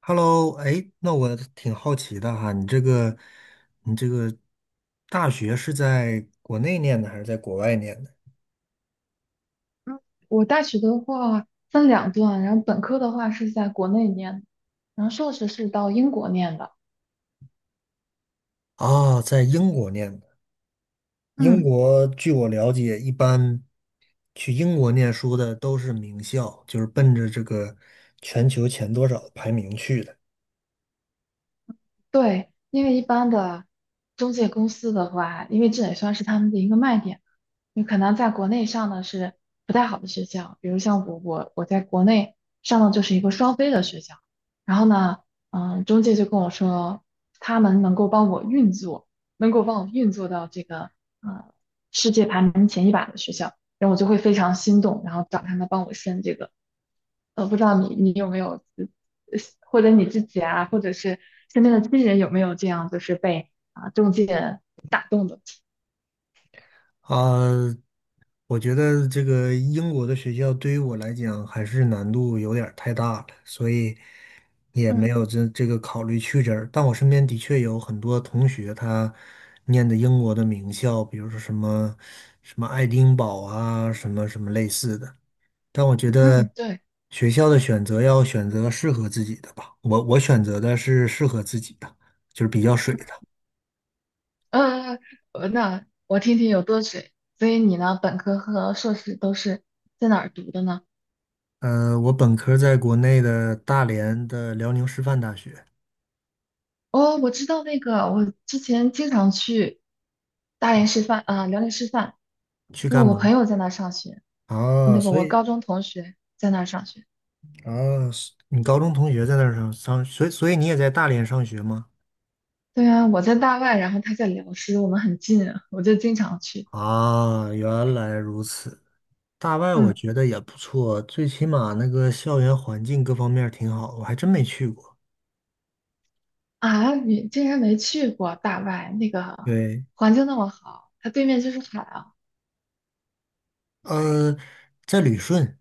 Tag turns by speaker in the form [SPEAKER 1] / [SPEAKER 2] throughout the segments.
[SPEAKER 1] Hello，哎，那我挺好奇的哈，你这个大学是在国内念的还是在国外念的？
[SPEAKER 2] 嗯，我大学的话分2段，然后本科的话是在国内念的。然后硕士是到英国念的。
[SPEAKER 1] 啊，在英国念的。英
[SPEAKER 2] 嗯。
[SPEAKER 1] 国据我了解，一般去英国念书的都是名校，就是奔着这个全球前多少的排名去的。
[SPEAKER 2] 对，因为一般的中介公司的话，因为这也算是他们的一个卖点，你可能在国内上的是不太好的学校，比如像我，我在国内上的就是一个双非的学校，然后呢，中介就跟我说，他们能够帮我运作，能够帮我运作到这个呃世界排名前100的学校，然后我就会非常心动，然后找他们帮我申这个不知道你有没有，或者你自己啊，或者是身边的亲人有没有这样，就是被啊中介打动的？
[SPEAKER 1] 啊，我觉得这个英国的学校对于我来讲还是难度有点儿太大了，所以。也没
[SPEAKER 2] 嗯
[SPEAKER 1] 有这个考虑去这儿，但我身边的确有很多同学，他念的英国的名校，比如说什么什么爱丁堡啊，什么什么类似的。但我觉
[SPEAKER 2] 嗯，
[SPEAKER 1] 得
[SPEAKER 2] 对，
[SPEAKER 1] 学校的选择要选择适合自己的吧。我选择的是适合自己的，就是比较水的。
[SPEAKER 2] 呃，那我听听有多水。所以你呢，本科和硕士都是在哪儿读的呢？
[SPEAKER 1] 我本科在国内的大连的辽宁师范大学
[SPEAKER 2] 哦，我知道那个，我之前经常去大连师范啊，辽宁师范，
[SPEAKER 1] 去
[SPEAKER 2] 因
[SPEAKER 1] 干
[SPEAKER 2] 为我
[SPEAKER 1] 嘛？
[SPEAKER 2] 朋友在那儿上学，
[SPEAKER 1] 啊，
[SPEAKER 2] 那个
[SPEAKER 1] 所
[SPEAKER 2] 我
[SPEAKER 1] 以
[SPEAKER 2] 高中同学在那儿上学。
[SPEAKER 1] 啊，是你高中同学在那儿上，所以你也在大连上学吗？
[SPEAKER 2] 对啊，我在大外，然后他在辽师，我们很近啊，我就经常去。
[SPEAKER 1] 啊，原来如此。大外我
[SPEAKER 2] 嗯。
[SPEAKER 1] 觉得也不错，最起码那个校园环境各方面儿挺好，我还真没去过。
[SPEAKER 2] 啊，你竟然没去过大外，那个
[SPEAKER 1] 对，
[SPEAKER 2] 环境那么好，它对面就是海啊。
[SPEAKER 1] 呃，在旅顺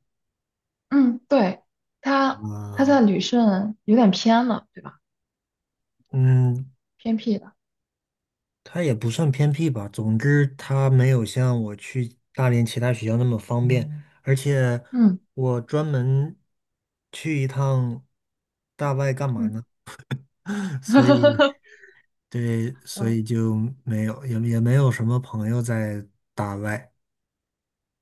[SPEAKER 2] 嗯，对，它它
[SPEAKER 1] 啊，
[SPEAKER 2] 在旅顺有点偏了，对吧？
[SPEAKER 1] 嗯，
[SPEAKER 2] 偏僻的。
[SPEAKER 1] 它也不算偏僻吧。总之，它没有像我去大连其他学校那么方便，而且
[SPEAKER 2] 嗯
[SPEAKER 1] 我专门去一趟大外干嘛
[SPEAKER 2] 嗯，
[SPEAKER 1] 呢？所以，对，所
[SPEAKER 2] 嗯，
[SPEAKER 1] 以就没有，也没有什么朋友在大外。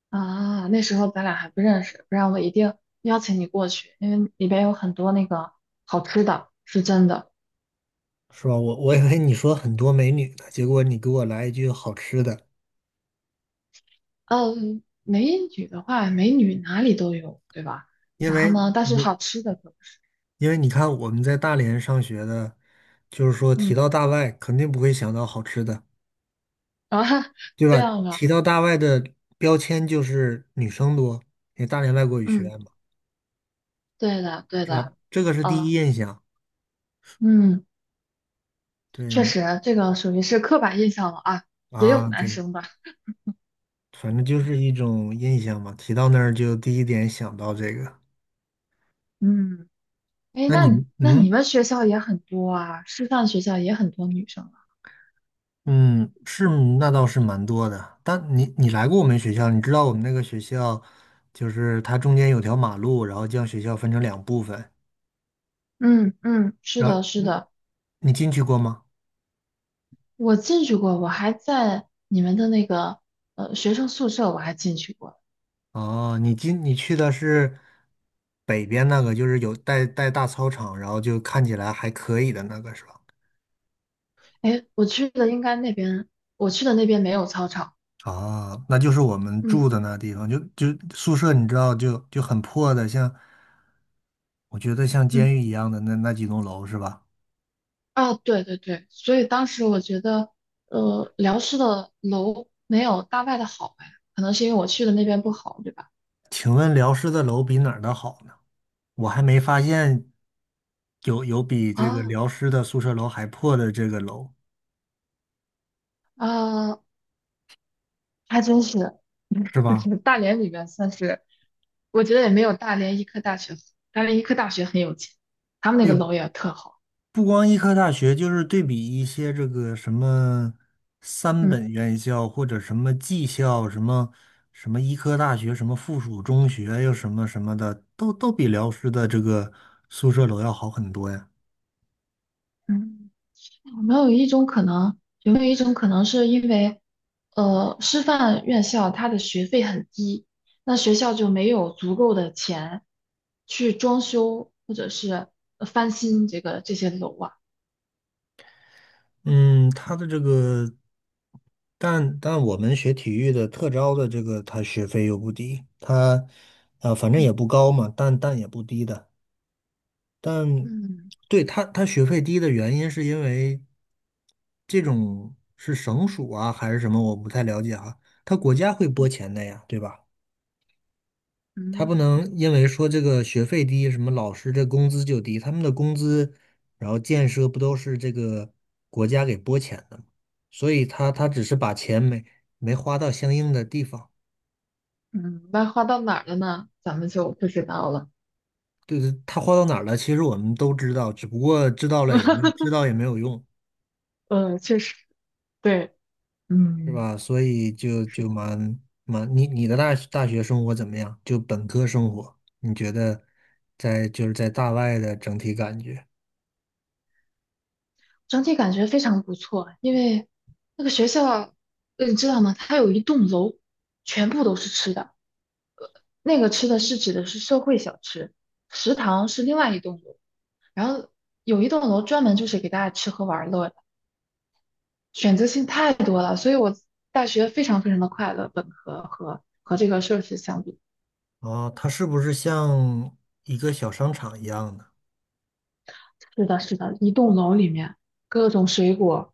[SPEAKER 2] 啊，那时候咱俩还不认识，不然我一定邀请你过去，因为里边有很多那个好吃的，是真的。
[SPEAKER 1] 是吧？我以为你说很多美女呢，结果你给我来一句好吃的，
[SPEAKER 2] 嗯，美女的话，美女哪里都有，对吧？
[SPEAKER 1] 因
[SPEAKER 2] 然后
[SPEAKER 1] 为
[SPEAKER 2] 呢，但是
[SPEAKER 1] 我
[SPEAKER 2] 好吃的可不是，
[SPEAKER 1] 因为你看我们在大连上学的，就是说提
[SPEAKER 2] 嗯，
[SPEAKER 1] 到大外肯定不会想到好吃的，
[SPEAKER 2] 啊，
[SPEAKER 1] 对
[SPEAKER 2] 这
[SPEAKER 1] 吧？
[SPEAKER 2] 样啊，
[SPEAKER 1] 提到大外的标签就是女生多，因为大连外国语学院
[SPEAKER 2] 嗯，
[SPEAKER 1] 嘛，
[SPEAKER 2] 对的，对
[SPEAKER 1] 是吧？
[SPEAKER 2] 的，
[SPEAKER 1] 这个是第一
[SPEAKER 2] 啊，
[SPEAKER 1] 印象，
[SPEAKER 2] 嗯，确
[SPEAKER 1] 对
[SPEAKER 2] 实，这个属于是刻板印象了啊，也有
[SPEAKER 1] 啊，
[SPEAKER 2] 男
[SPEAKER 1] 对，
[SPEAKER 2] 生的，
[SPEAKER 1] 反正就是一种印象嘛。提到那儿就第一点想到这个。
[SPEAKER 2] 嗯，哎，
[SPEAKER 1] 那
[SPEAKER 2] 那你
[SPEAKER 1] 你
[SPEAKER 2] 那你
[SPEAKER 1] 嗯。
[SPEAKER 2] 们学校也很多啊，师范学校也很多女生啊，
[SPEAKER 1] 嗯，是，那倒是蛮多的。但你来过我们学校，你知道我们那个学校，就是它中间有条马路，然后将学校分成两部分。
[SPEAKER 2] 嗯嗯，是
[SPEAKER 1] 然后
[SPEAKER 2] 的，是的，
[SPEAKER 1] 你进去过吗？
[SPEAKER 2] 我进去过，我还在你们的那个学生宿舍，我还进去过。
[SPEAKER 1] 哦，你去的是北边那个，就是有带大操场，然后就看起来还可以的那个，是吧？
[SPEAKER 2] 哎，我去的应该那边，我去的那边没有操场。
[SPEAKER 1] 啊，那就是我们住
[SPEAKER 2] 嗯
[SPEAKER 1] 的那地方，就宿舍，你知道就很破的，像我觉得像
[SPEAKER 2] 嗯，
[SPEAKER 1] 监狱一样的那几栋楼是吧？
[SPEAKER 2] 啊，对对对，所以当时我觉得，辽师的楼没有大外的好哎，可能是因为我去的那边不好，对吧？
[SPEAKER 1] 请问辽师的楼比哪儿的好呢？我还没发现有比这个
[SPEAKER 2] 啊
[SPEAKER 1] 辽师的宿舍楼还破的这个楼，
[SPEAKER 2] 啊，还真是，
[SPEAKER 1] 是
[SPEAKER 2] 就
[SPEAKER 1] 吧？
[SPEAKER 2] 是 大连里面算是，我觉得也没有大连医科大学好，大连医科大学很有钱，他们那个
[SPEAKER 1] 也
[SPEAKER 2] 楼也特好。
[SPEAKER 1] 不光医科大学，就是对比一些这个什么三
[SPEAKER 2] 嗯
[SPEAKER 1] 本院校或者什么技校，什么什么医科大学，什么附属中学，又什么什么的，都比辽师的这个宿舍楼要好很多呀。
[SPEAKER 2] 嗯。有没有一种可能？有没有一种可能是因为，师范院校它的学费很低，那学校就没有足够的钱去装修或者是翻新这个这些楼啊？
[SPEAKER 1] 嗯，他的这个，但我们学体育的特招的这个，他学费又不低，他反正
[SPEAKER 2] 嗯
[SPEAKER 1] 也不高嘛，但也不低的。但
[SPEAKER 2] 嗯
[SPEAKER 1] 对他学费低的原因是因为这种是省属啊还是什么，我不太了解啊，他国家会拨
[SPEAKER 2] 嗯
[SPEAKER 1] 钱的呀，对吧？他
[SPEAKER 2] 嗯，
[SPEAKER 1] 不能因为说这个学费低，什么老师这工资就低，他们的工资，然后建设不都是这个国家给拨钱的吗？所以他只是把钱没花到相应的地方，
[SPEAKER 2] 嗯，那花到哪儿了呢？咱们就不知道了。
[SPEAKER 1] 对，他花到哪儿了，其实我们都知道，只不过知道了也没 知道也没有用，
[SPEAKER 2] 嗯，确实，对，
[SPEAKER 1] 是
[SPEAKER 2] 嗯，
[SPEAKER 1] 吧？所以就
[SPEAKER 2] 是
[SPEAKER 1] 就
[SPEAKER 2] 的，
[SPEAKER 1] 蛮蛮，你的大学生活怎么样？就本科生活，你觉得在就是在大外的整体感觉？
[SPEAKER 2] 整体感觉非常不错，因为那个学校，你知道吗？它有一栋楼，全部都是吃的。那个吃的是指的是社会小吃，食堂是另外一栋楼，然后有一栋楼专门就是给大家吃喝玩乐的，选择性太多了，所以我大学非常非常的快乐。本科和这个硕士相比，
[SPEAKER 1] 哦，它是不是像一个小商场一样的？
[SPEAKER 2] 是的，是的，一栋楼里面各种水果，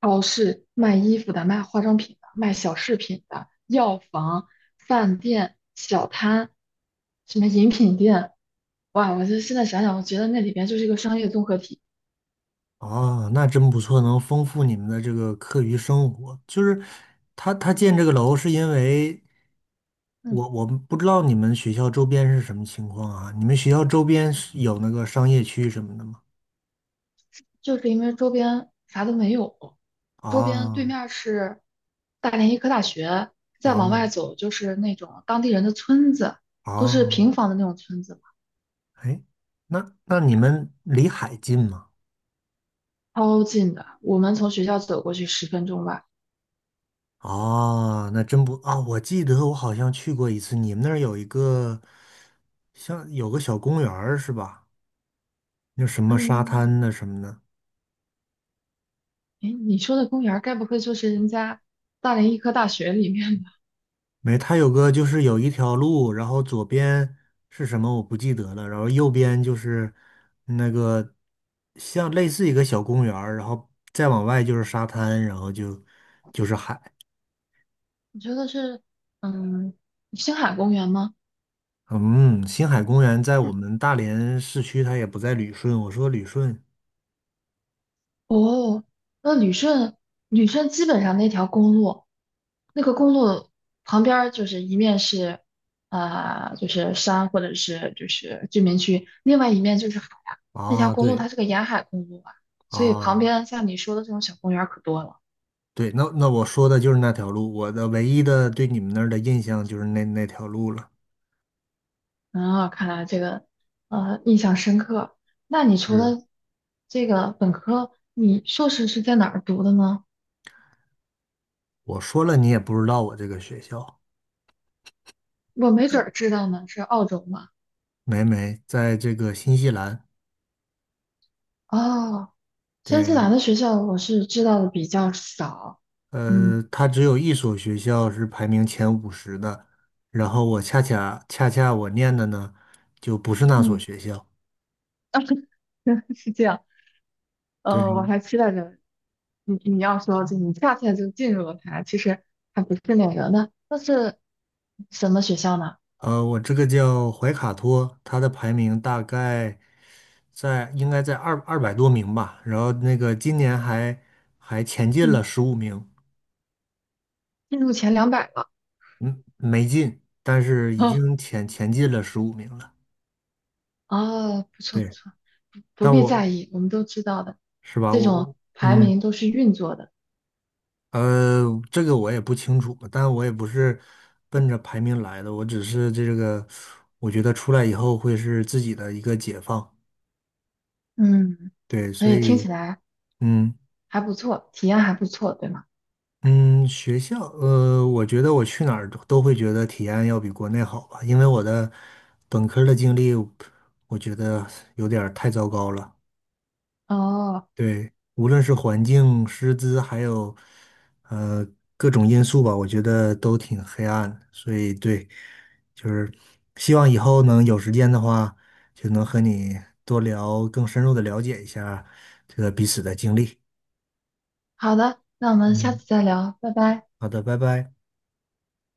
[SPEAKER 2] 超市卖衣服的、卖化妆品的、卖小饰品的、药房、饭店、小摊，什么饮品店，哇，我就现在想想，我觉得那里边就是一个商业综合体。
[SPEAKER 1] 哦，那真不错，能丰富你们的这个课余生活。就是他建这个楼是因为
[SPEAKER 2] 嗯，
[SPEAKER 1] 我们不知道你们学校周边是什么情况啊？你们学校周边是有那个商业区什么的吗？
[SPEAKER 2] 就是因为周边啥都没有，周边对
[SPEAKER 1] 哦
[SPEAKER 2] 面儿是大连医科大学，再往外
[SPEAKER 1] 哦
[SPEAKER 2] 走就是那种当地人的村子，都是
[SPEAKER 1] 哦，
[SPEAKER 2] 平房的那种村子嘛。
[SPEAKER 1] 哎，那你们离海近吗？
[SPEAKER 2] 超近的。我们从学校走过去10分钟吧。
[SPEAKER 1] 哦，那真不啊，我记得我好像去过一次，你们那儿有一个像有个小公园儿是吧？那什么沙
[SPEAKER 2] 嗯，
[SPEAKER 1] 滩的什么的，
[SPEAKER 2] 哎，你说的公园儿该不会就是人家大连医科大学里面的？
[SPEAKER 1] 没，它有个就是有一条路，然后左边是什么我不记得了，然后右边就是那个像类似一个小公园儿然后再往外就是沙滩，然后就是海。
[SPEAKER 2] 你说的是嗯星海公园吗？
[SPEAKER 1] 嗯，星海公园在我们大连市区，它也不在旅顺。我说旅顺
[SPEAKER 2] 哦，那旅顺，旅顺基本上那条公路，那个公路旁边儿就是一面是，啊、就是山或者是就是居民区，另外一面就是海啊。那条
[SPEAKER 1] 啊，
[SPEAKER 2] 公路
[SPEAKER 1] 对
[SPEAKER 2] 它是个沿海公路啊，所以旁
[SPEAKER 1] 啊，
[SPEAKER 2] 边像你说的这种小公园儿可多了。
[SPEAKER 1] 对，那我说的就是那条路，我的唯一的对你们那儿的印象就是那条路了。
[SPEAKER 2] 啊，看来这个印象深刻。那你除
[SPEAKER 1] 是，
[SPEAKER 2] 了这个本科，你硕士是在哪儿读的呢？
[SPEAKER 1] 我说了你也不知道我这个学校。
[SPEAKER 2] 我没准儿知道呢，是澳洲吗？
[SPEAKER 1] 没没，在这个新西兰，
[SPEAKER 2] 哦，新西
[SPEAKER 1] 对，
[SPEAKER 2] 兰的学校我是知道的比较少，嗯
[SPEAKER 1] 它只有一所学校是排名前50的，然后我恰恰我念的呢，就不是那所
[SPEAKER 2] 嗯，
[SPEAKER 1] 学校，
[SPEAKER 2] 啊，是这样。我
[SPEAKER 1] 对，
[SPEAKER 2] 还期待着你要说就你恰恰就进入了它，其实还不是那个。那是什么学校呢？
[SPEAKER 1] 我这个叫怀卡托，它的排名大概应该在二百多名吧，然后那个今年还前进了
[SPEAKER 2] 嗯，
[SPEAKER 1] 十五名，
[SPEAKER 2] 进入前200了。
[SPEAKER 1] 嗯，没进，但是已
[SPEAKER 2] 哦，
[SPEAKER 1] 经前进了十五名了，
[SPEAKER 2] 哦，不错不
[SPEAKER 1] 对，
[SPEAKER 2] 错，不
[SPEAKER 1] 但
[SPEAKER 2] 必在
[SPEAKER 1] 我
[SPEAKER 2] 意，我们都知道的，
[SPEAKER 1] 是吧，
[SPEAKER 2] 这
[SPEAKER 1] 我
[SPEAKER 2] 种排
[SPEAKER 1] 嗯。
[SPEAKER 2] 名都是运作的，
[SPEAKER 1] 呃，这个我也不清楚，但我也不是奔着排名来的，我只是这个，我觉得出来以后会是自己的一个解放，
[SPEAKER 2] 嗯，
[SPEAKER 1] 对，
[SPEAKER 2] 所
[SPEAKER 1] 所
[SPEAKER 2] 以
[SPEAKER 1] 对
[SPEAKER 2] 听起
[SPEAKER 1] 以，
[SPEAKER 2] 来
[SPEAKER 1] 嗯
[SPEAKER 2] 还不错，体验还不错，对吗？
[SPEAKER 1] 嗯，学校，我觉得我去哪儿都会觉得体验要比国内好吧，因为我的本科儿的经历，我觉得有点儿太糟糕了。
[SPEAKER 2] 哦，
[SPEAKER 1] 对，无论是环境、师资，还有呃各种因素吧，我觉得都挺黑暗的所以对，就是希望以后能有时间的话，就能和你多聊，更深入的了解一下这个彼此的经历。
[SPEAKER 2] 好的，那我们下
[SPEAKER 1] 嗯，
[SPEAKER 2] 次再聊，拜拜。
[SPEAKER 1] 好的，拜拜。